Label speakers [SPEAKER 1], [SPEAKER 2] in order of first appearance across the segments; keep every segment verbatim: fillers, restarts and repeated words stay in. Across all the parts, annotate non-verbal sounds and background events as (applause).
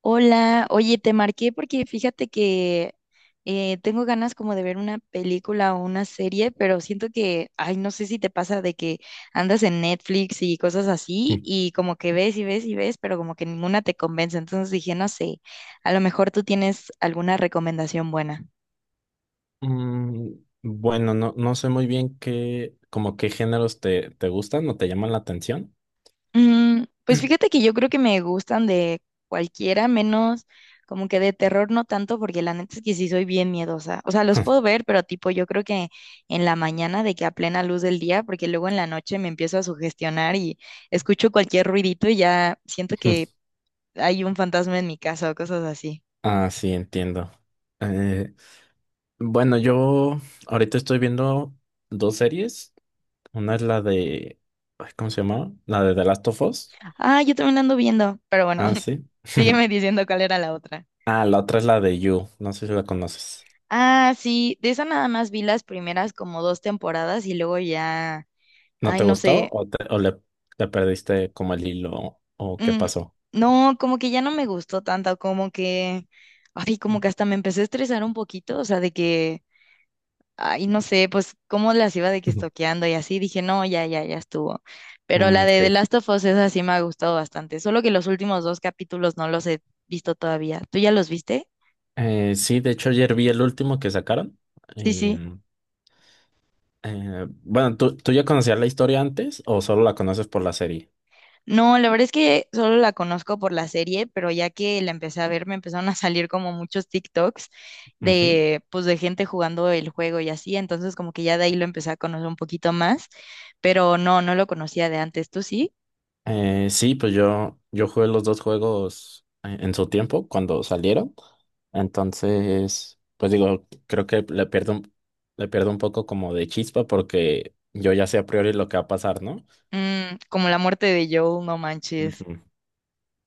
[SPEAKER 1] Hola, oye, te marqué porque fíjate que eh, tengo ganas como de ver una película o una serie, pero siento que, ay, no sé si te pasa de que andas en Netflix y cosas así
[SPEAKER 2] Mm.
[SPEAKER 1] y como que ves y ves y ves, pero como que ninguna te convence. Entonces dije, no sé, a lo mejor tú tienes alguna recomendación buena.
[SPEAKER 2] Mm, bueno, no, no sé muy bien qué, como qué géneros te, te gustan o te llaman la atención.
[SPEAKER 1] Mm, pues fíjate que yo creo que me gustan de cualquiera, menos como que de terror no tanto, porque la neta es que sí soy bien miedosa. O sea, los puedo ver, pero tipo yo creo que en la mañana de que a plena luz del día, porque luego en la noche me empiezo a sugestionar y escucho cualquier ruidito y ya siento que
[SPEAKER 2] (laughs)
[SPEAKER 1] hay un fantasma en mi casa o cosas así.
[SPEAKER 2] Ah, sí, entiendo. Eh, bueno, yo ahorita estoy viendo dos series. Una es la de, ay, ¿cómo se llamaba? La de The Last of Us.
[SPEAKER 1] Ah, yo también la ando viendo, pero bueno,
[SPEAKER 2] Ah,
[SPEAKER 1] (laughs)
[SPEAKER 2] sí.
[SPEAKER 1] sígueme
[SPEAKER 2] (laughs)
[SPEAKER 1] diciendo cuál era la otra.
[SPEAKER 2] Ah, la otra es la de You. No sé si la conoces.
[SPEAKER 1] Ah, sí, de esa nada más vi las primeras como dos temporadas y luego ya,
[SPEAKER 2] ¿No
[SPEAKER 1] ay,
[SPEAKER 2] te
[SPEAKER 1] no
[SPEAKER 2] gustó
[SPEAKER 1] sé.
[SPEAKER 2] o, te- o le, le perdiste como el hilo o qué
[SPEAKER 1] Mm,
[SPEAKER 2] pasó?
[SPEAKER 1] no, como que ya no me gustó tanto, como que, ay, como que hasta me empecé a estresar un poquito, o sea, de que, ay, no sé, pues cómo las iba de que
[SPEAKER 2] (laughs)
[SPEAKER 1] estoqueando y así, dije, no, ya, ya, ya estuvo. Pero
[SPEAKER 2] Mm,
[SPEAKER 1] la de The
[SPEAKER 2] ok.
[SPEAKER 1] Last of Us, esa sí me ha gustado bastante, solo que los últimos dos capítulos no los he visto todavía. ¿Tú ya los viste?
[SPEAKER 2] Eh, sí, de hecho ayer vi el último que sacaron.
[SPEAKER 1] Sí,
[SPEAKER 2] Y,
[SPEAKER 1] sí.
[SPEAKER 2] eh, bueno, ¿tú, tú ya conocías la historia antes o solo la conoces por la serie?
[SPEAKER 1] No, la verdad es que solo la conozco por la serie, pero ya que la empecé a ver, me empezaron a salir como muchos TikToks
[SPEAKER 2] Ujú.
[SPEAKER 1] de, pues, de gente jugando el juego y así, entonces como que ya de ahí lo empecé a conocer un poquito más, pero no, no lo conocía de antes, ¿tú sí?
[SPEAKER 2] Eh, sí, pues yo, yo jugué los dos juegos eh, en su tiempo cuando salieron. Entonces, pues digo, creo que le pierdo, un- le pierdo un poco como de chispa porque yo ya sé a priori lo que va a pasar, ¿no?
[SPEAKER 1] Mm, como la muerte de Joel, no manches.
[SPEAKER 2] Ujú.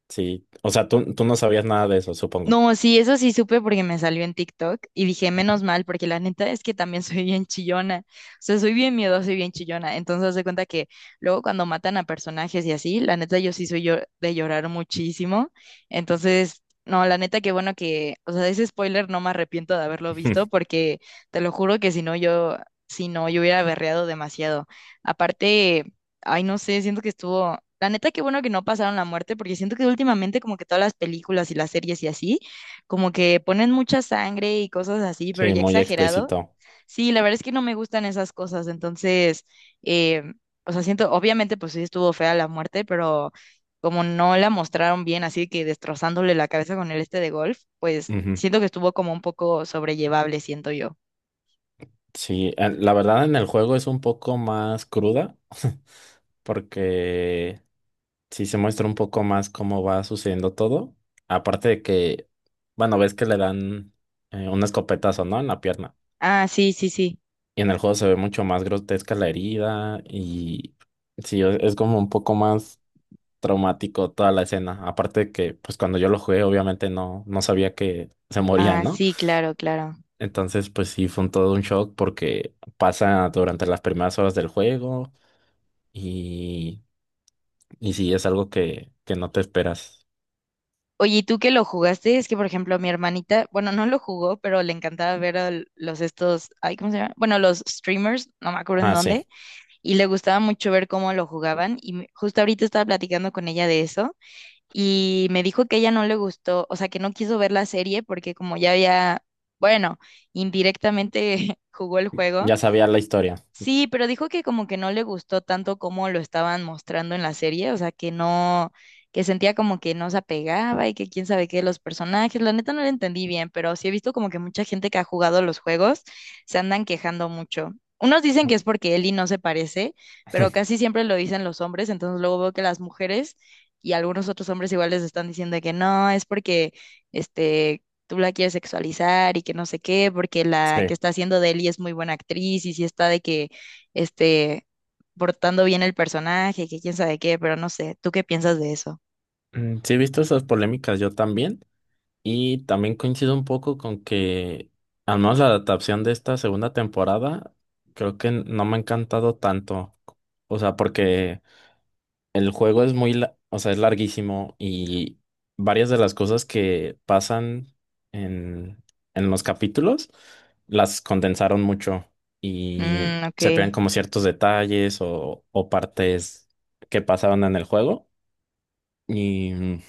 [SPEAKER 2] Sí, o sea, tú, tú no sabías nada de eso, supongo.
[SPEAKER 1] No, sí, eso sí supe porque me salió en TikTok y dije, menos mal, porque la neta es que también (laughs) soy bien chillona. O sea, soy bien miedosa y bien chillona. Entonces, haz de cuenta que luego cuando matan a personajes y así, la neta yo sí soy yo de llorar muchísimo. Entonces, no, la neta que bueno que, o sea, de ese spoiler no me arrepiento de haberlo visto
[SPEAKER 2] (laughs)
[SPEAKER 1] porque te lo juro que si no yo, si no, yo hubiera berreado demasiado. Aparte. Ay, no sé, siento que estuvo. La neta, qué bueno que no pasaron la muerte, porque siento que últimamente, como que todas las películas y las series y así, como que ponen mucha sangre y cosas así, pero
[SPEAKER 2] Sí,
[SPEAKER 1] ya
[SPEAKER 2] muy
[SPEAKER 1] exagerado.
[SPEAKER 2] explícito.
[SPEAKER 1] Sí, la verdad es que no me gustan esas cosas, entonces, eh, o sea, siento, obviamente, pues sí estuvo fea la muerte, pero como no la mostraron bien, así que destrozándole la cabeza con el este de golf, pues
[SPEAKER 2] Ujú.
[SPEAKER 1] siento que estuvo como un poco sobrellevable, siento yo.
[SPEAKER 2] Sí, eh, la verdad en el juego es un poco más cruda (laughs) porque sí se muestra un poco más cómo va sucediendo todo. Aparte de que, bueno, ves que le dan eh, un escopetazo, ¿no? En la pierna.
[SPEAKER 1] Ah, sí, sí, sí.
[SPEAKER 2] Y en el juego se ve mucho más grotesca la herida y sí, es, es como un poco más traumático toda la escena. Aparte de que, pues cuando yo lo jugué, obviamente no, no sabía que se moría,
[SPEAKER 1] Ah,
[SPEAKER 2] ¿no?
[SPEAKER 1] sí, claro, claro.
[SPEAKER 2] Entonces, pues sí, fue un todo un shock porque pasa durante las primeras horas del juego. Y, y sí, es algo que, que no te esperas.
[SPEAKER 1] Oye, ¿y tú que lo jugaste? Es que, por ejemplo, mi hermanita, bueno, no lo jugó, pero le encantaba ver a l- los estos, ay, ¿cómo se llama? Bueno, los streamers, no me acuerdo en
[SPEAKER 2] Ah,
[SPEAKER 1] dónde,
[SPEAKER 2] sí,
[SPEAKER 1] y le gustaba mucho ver cómo lo jugaban. Y me- justo ahorita estaba platicando con ella de eso, y me dijo que ella no le gustó, o sea, que no quiso ver la serie porque como ya había, bueno, indirectamente (laughs) jugó el juego.
[SPEAKER 2] ya sabía la historia.
[SPEAKER 1] Sí, pero dijo que como que no le gustó tanto como lo estaban mostrando en la serie, o sea, que no, que sentía como que no se apegaba y que quién sabe qué de los personajes, la neta no lo entendí bien, pero sí he visto como que mucha gente que ha jugado los juegos se andan quejando mucho. Unos dicen que es porque Ellie no se parece, pero
[SPEAKER 2] (laughs)
[SPEAKER 1] casi siempre lo dicen los hombres, entonces luego veo que las mujeres y algunos otros hombres igual les están diciendo de que no, es porque este tú la quieres sexualizar y que no sé qué, porque la que
[SPEAKER 2] Sí.
[SPEAKER 1] está haciendo de Ellie es muy buena actriz y si está de que, este, portando bien el personaje, que quién sabe qué, pero no sé, ¿tú qué piensas de eso?
[SPEAKER 2] Mm, sí, he visto esas polémicas yo también. Y también coincido un poco con que, al menos la adaptación de esta segunda temporada, creo que no me ha encantado tanto. O sea, porque el juego es muy, la- o sea, es larguísimo y varias de las cosas que pasan en, en los capítulos las condensaron mucho y
[SPEAKER 1] Mm, ok.
[SPEAKER 2] se pegan como ciertos detalles o, o partes que pasaron en el juego. Y mm,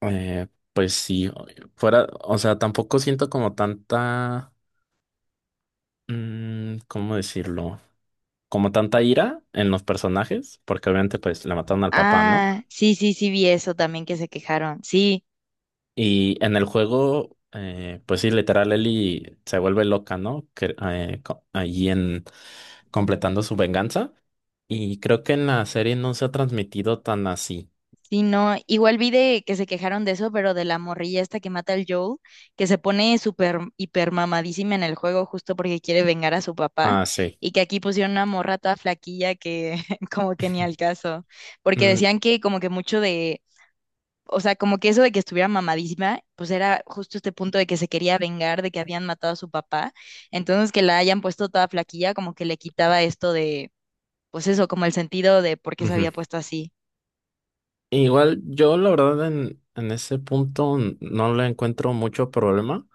[SPEAKER 2] eh, pues sí, fuera, o sea, tampoco siento como tanta, mm, ¿cómo decirlo? Como tanta ira en los personajes, porque obviamente pues le mataron al papá, ¿no?
[SPEAKER 1] Ah, sí, sí, sí vi eso también que se quejaron. Sí.
[SPEAKER 2] Y en el juego, eh, pues sí, literal, Ellie se vuelve loca, ¿no? Que, eh, co- allí en completando su venganza. Y creo que en la serie no se ha transmitido tan así.
[SPEAKER 1] Sí, no, igual vi de que se quejaron de eso, pero de la morrilla esta que mata al Joel, que se pone súper hiper mamadísima en el juego justo porque quiere vengar a su papá,
[SPEAKER 2] Ah, sí.
[SPEAKER 1] y que aquí pusieron una morra toda flaquilla que (laughs) como que ni al caso, porque
[SPEAKER 2] Mm,
[SPEAKER 1] decían que como que mucho de, o sea, como que eso de que estuviera mamadísima, pues era justo este punto de que se quería vengar de que habían matado a su papá, entonces que la hayan puesto toda flaquilla como que le quitaba esto de, pues eso, como el sentido de por qué se
[SPEAKER 2] ujú.
[SPEAKER 1] había puesto así.
[SPEAKER 2] Igual yo, la verdad, en, en ese punto n- no le encuentro mucho problema.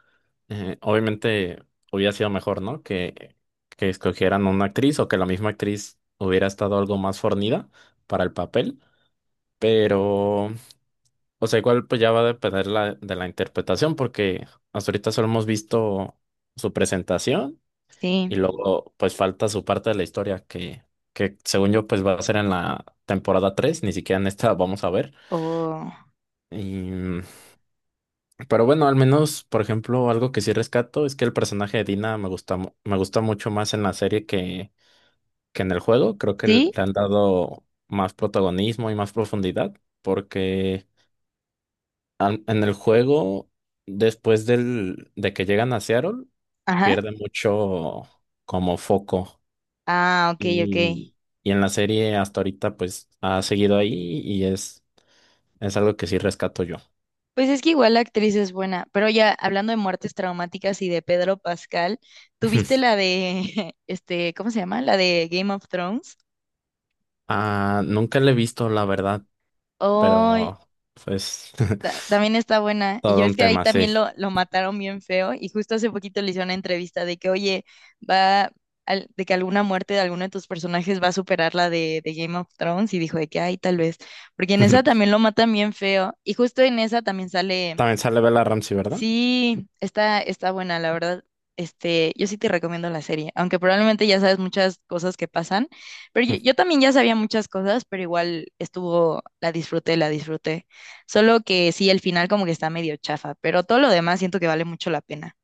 [SPEAKER 2] Eh, obviamente hubiera sido mejor, ¿no? Que, que escogieran una actriz o que la misma actriz hubiera estado algo más fornida para el papel. Pero, o sea, igual pues ya va a depender la, de la interpretación, porque hasta ahorita solo hemos visto su presentación y
[SPEAKER 1] Sí,
[SPEAKER 2] luego pues falta su parte de la historia que, que según yo pues va a ser en la temporada tres, ni siquiera en esta, (laughs) vamos a ver.
[SPEAKER 1] o
[SPEAKER 2] Y pero bueno, al menos, por ejemplo, algo que sí rescato es que el personaje de Dina me gusta, mu- me gusta mucho más en la serie que, que en el juego. Creo que le
[SPEAKER 1] ¿sí?
[SPEAKER 2] han dado más protagonismo y más profundidad, porque an- en el juego, después del, de que llegan a Seattle,
[SPEAKER 1] Ajá.
[SPEAKER 2] pierde mucho como foco.
[SPEAKER 1] Ah, ok, ok.
[SPEAKER 2] Y, y en la serie hasta ahorita, pues ha seguido ahí y es, es algo que sí rescato yo.
[SPEAKER 1] Pues es que igual la actriz es buena, pero ya hablando de muertes traumáticas y de Pedro Pascal, ¿tuviste
[SPEAKER 2] (laughs)
[SPEAKER 1] la de, (laughs) este, ¿cómo se llama? La de Game of Thrones.
[SPEAKER 2] Ah, nunca le he visto, la verdad,
[SPEAKER 1] Ay,
[SPEAKER 2] pero pues
[SPEAKER 1] ta- también está
[SPEAKER 2] (laughs)
[SPEAKER 1] buena. Y yo
[SPEAKER 2] todo
[SPEAKER 1] es
[SPEAKER 2] un
[SPEAKER 1] que ahí
[SPEAKER 2] tema, sí.
[SPEAKER 1] también lo, lo mataron bien feo y justo hace poquito le hice una entrevista de que, oye, va, al- de que alguna muerte de alguno de tus personajes va a superar la de, de Game of Thrones y dijo de que, ay, tal vez, porque en esa
[SPEAKER 2] (laughs)
[SPEAKER 1] también lo matan bien feo y justo en esa también sale...
[SPEAKER 2] También sale Bella Ramsey, ¿verdad? (laughs)
[SPEAKER 1] Sí, está, está buena, la verdad. Este, yo sí te recomiendo la serie, aunque probablemente ya sabes muchas cosas que pasan, pero yo,
[SPEAKER 2] Mm.
[SPEAKER 1] yo también ya sabía muchas cosas, pero igual estuvo, la disfruté, la disfruté. Solo que sí, el final como que está medio chafa, pero todo lo demás siento que vale mucho la pena.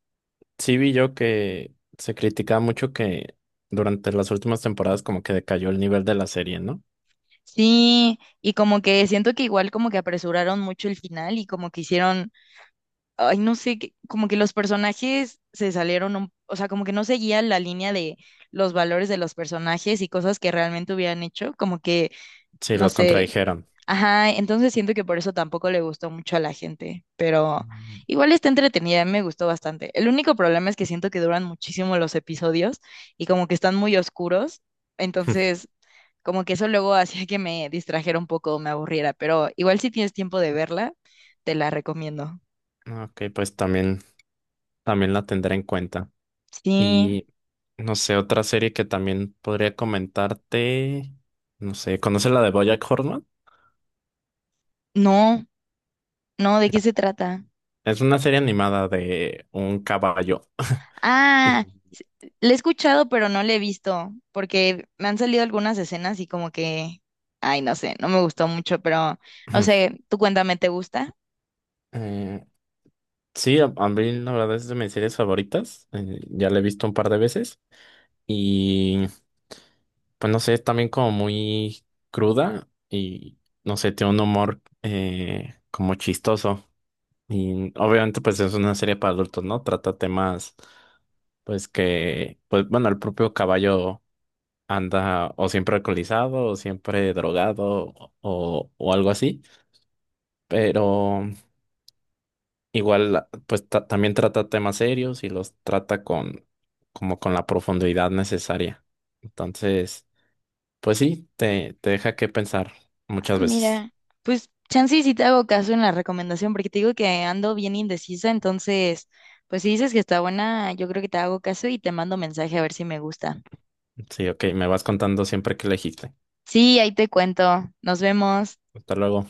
[SPEAKER 2] Sí vi yo que se criticaba mucho que durante las últimas temporadas como que decayó el nivel de la serie, ¿no?
[SPEAKER 1] Sí, y como que siento que igual como que apresuraron mucho el final y como que hicieron ay, no sé, que- como que los personajes se salieron, un- o sea, como que no seguían la línea de los valores de los personajes y cosas que realmente hubieran hecho, como que,
[SPEAKER 2] Sí,
[SPEAKER 1] no
[SPEAKER 2] los
[SPEAKER 1] sé,
[SPEAKER 2] contradijeron.
[SPEAKER 1] ajá, entonces siento que por eso tampoco le gustó mucho a la gente, pero
[SPEAKER 2] Mm.
[SPEAKER 1] igual está entretenida, me gustó bastante. El único problema es que siento que duran muchísimo los episodios y como que están muy oscuros,
[SPEAKER 2] (laughs)
[SPEAKER 1] entonces... Como que eso luego (laughs) hacía que me distrajera un poco, me aburriera, pero igual si tienes tiempo de verla, te la recomiendo.
[SPEAKER 2] Ok, pues también, también la tendré en cuenta.
[SPEAKER 1] Sí.
[SPEAKER 2] Y no sé, otra serie que también podría comentarte, no sé, ¿conoces la de BoJack Horseman?
[SPEAKER 1] No, no, ¿de qué se trata?
[SPEAKER 2] Es una serie animada de un caballo. (laughs) Y
[SPEAKER 1] Ah, s- la he escuchado, pero no la he visto, porque me han salido algunas escenas y como que, ay, no sé, no me gustó mucho, pero no
[SPEAKER 2] (clears throat)
[SPEAKER 1] sé, tú cuéntame, ¿te gusta?
[SPEAKER 2] eh, sí, a, a mí la verdad es de mis series favoritas. Eh, ya la he visto un par de veces. Y pues no sé, es también como muy cruda y no sé, tiene un humor eh, como chistoso. Y obviamente pues es una serie para adultos, ¿no? Trata temas pues que, pues bueno, el propio caballo anda o siempre alcoholizado o siempre drogado o, o algo así, pero igual pues ta- también trata temas serios y los trata con como con la profundidad necesaria. Entonces, pues sí, te, te deja que pensar
[SPEAKER 1] Ah,
[SPEAKER 2] muchas veces.
[SPEAKER 1] mira, pues chance y si te hago caso en la recomendación, porque te digo que ando bien indecisa, entonces, pues si dices que está buena, yo creo que te hago caso y te mando mensaje a ver si me gusta.
[SPEAKER 2] Sí, ok, me vas contando siempre que elegiste.
[SPEAKER 1] Sí, ahí te cuento. Nos vemos.
[SPEAKER 2] Hasta luego.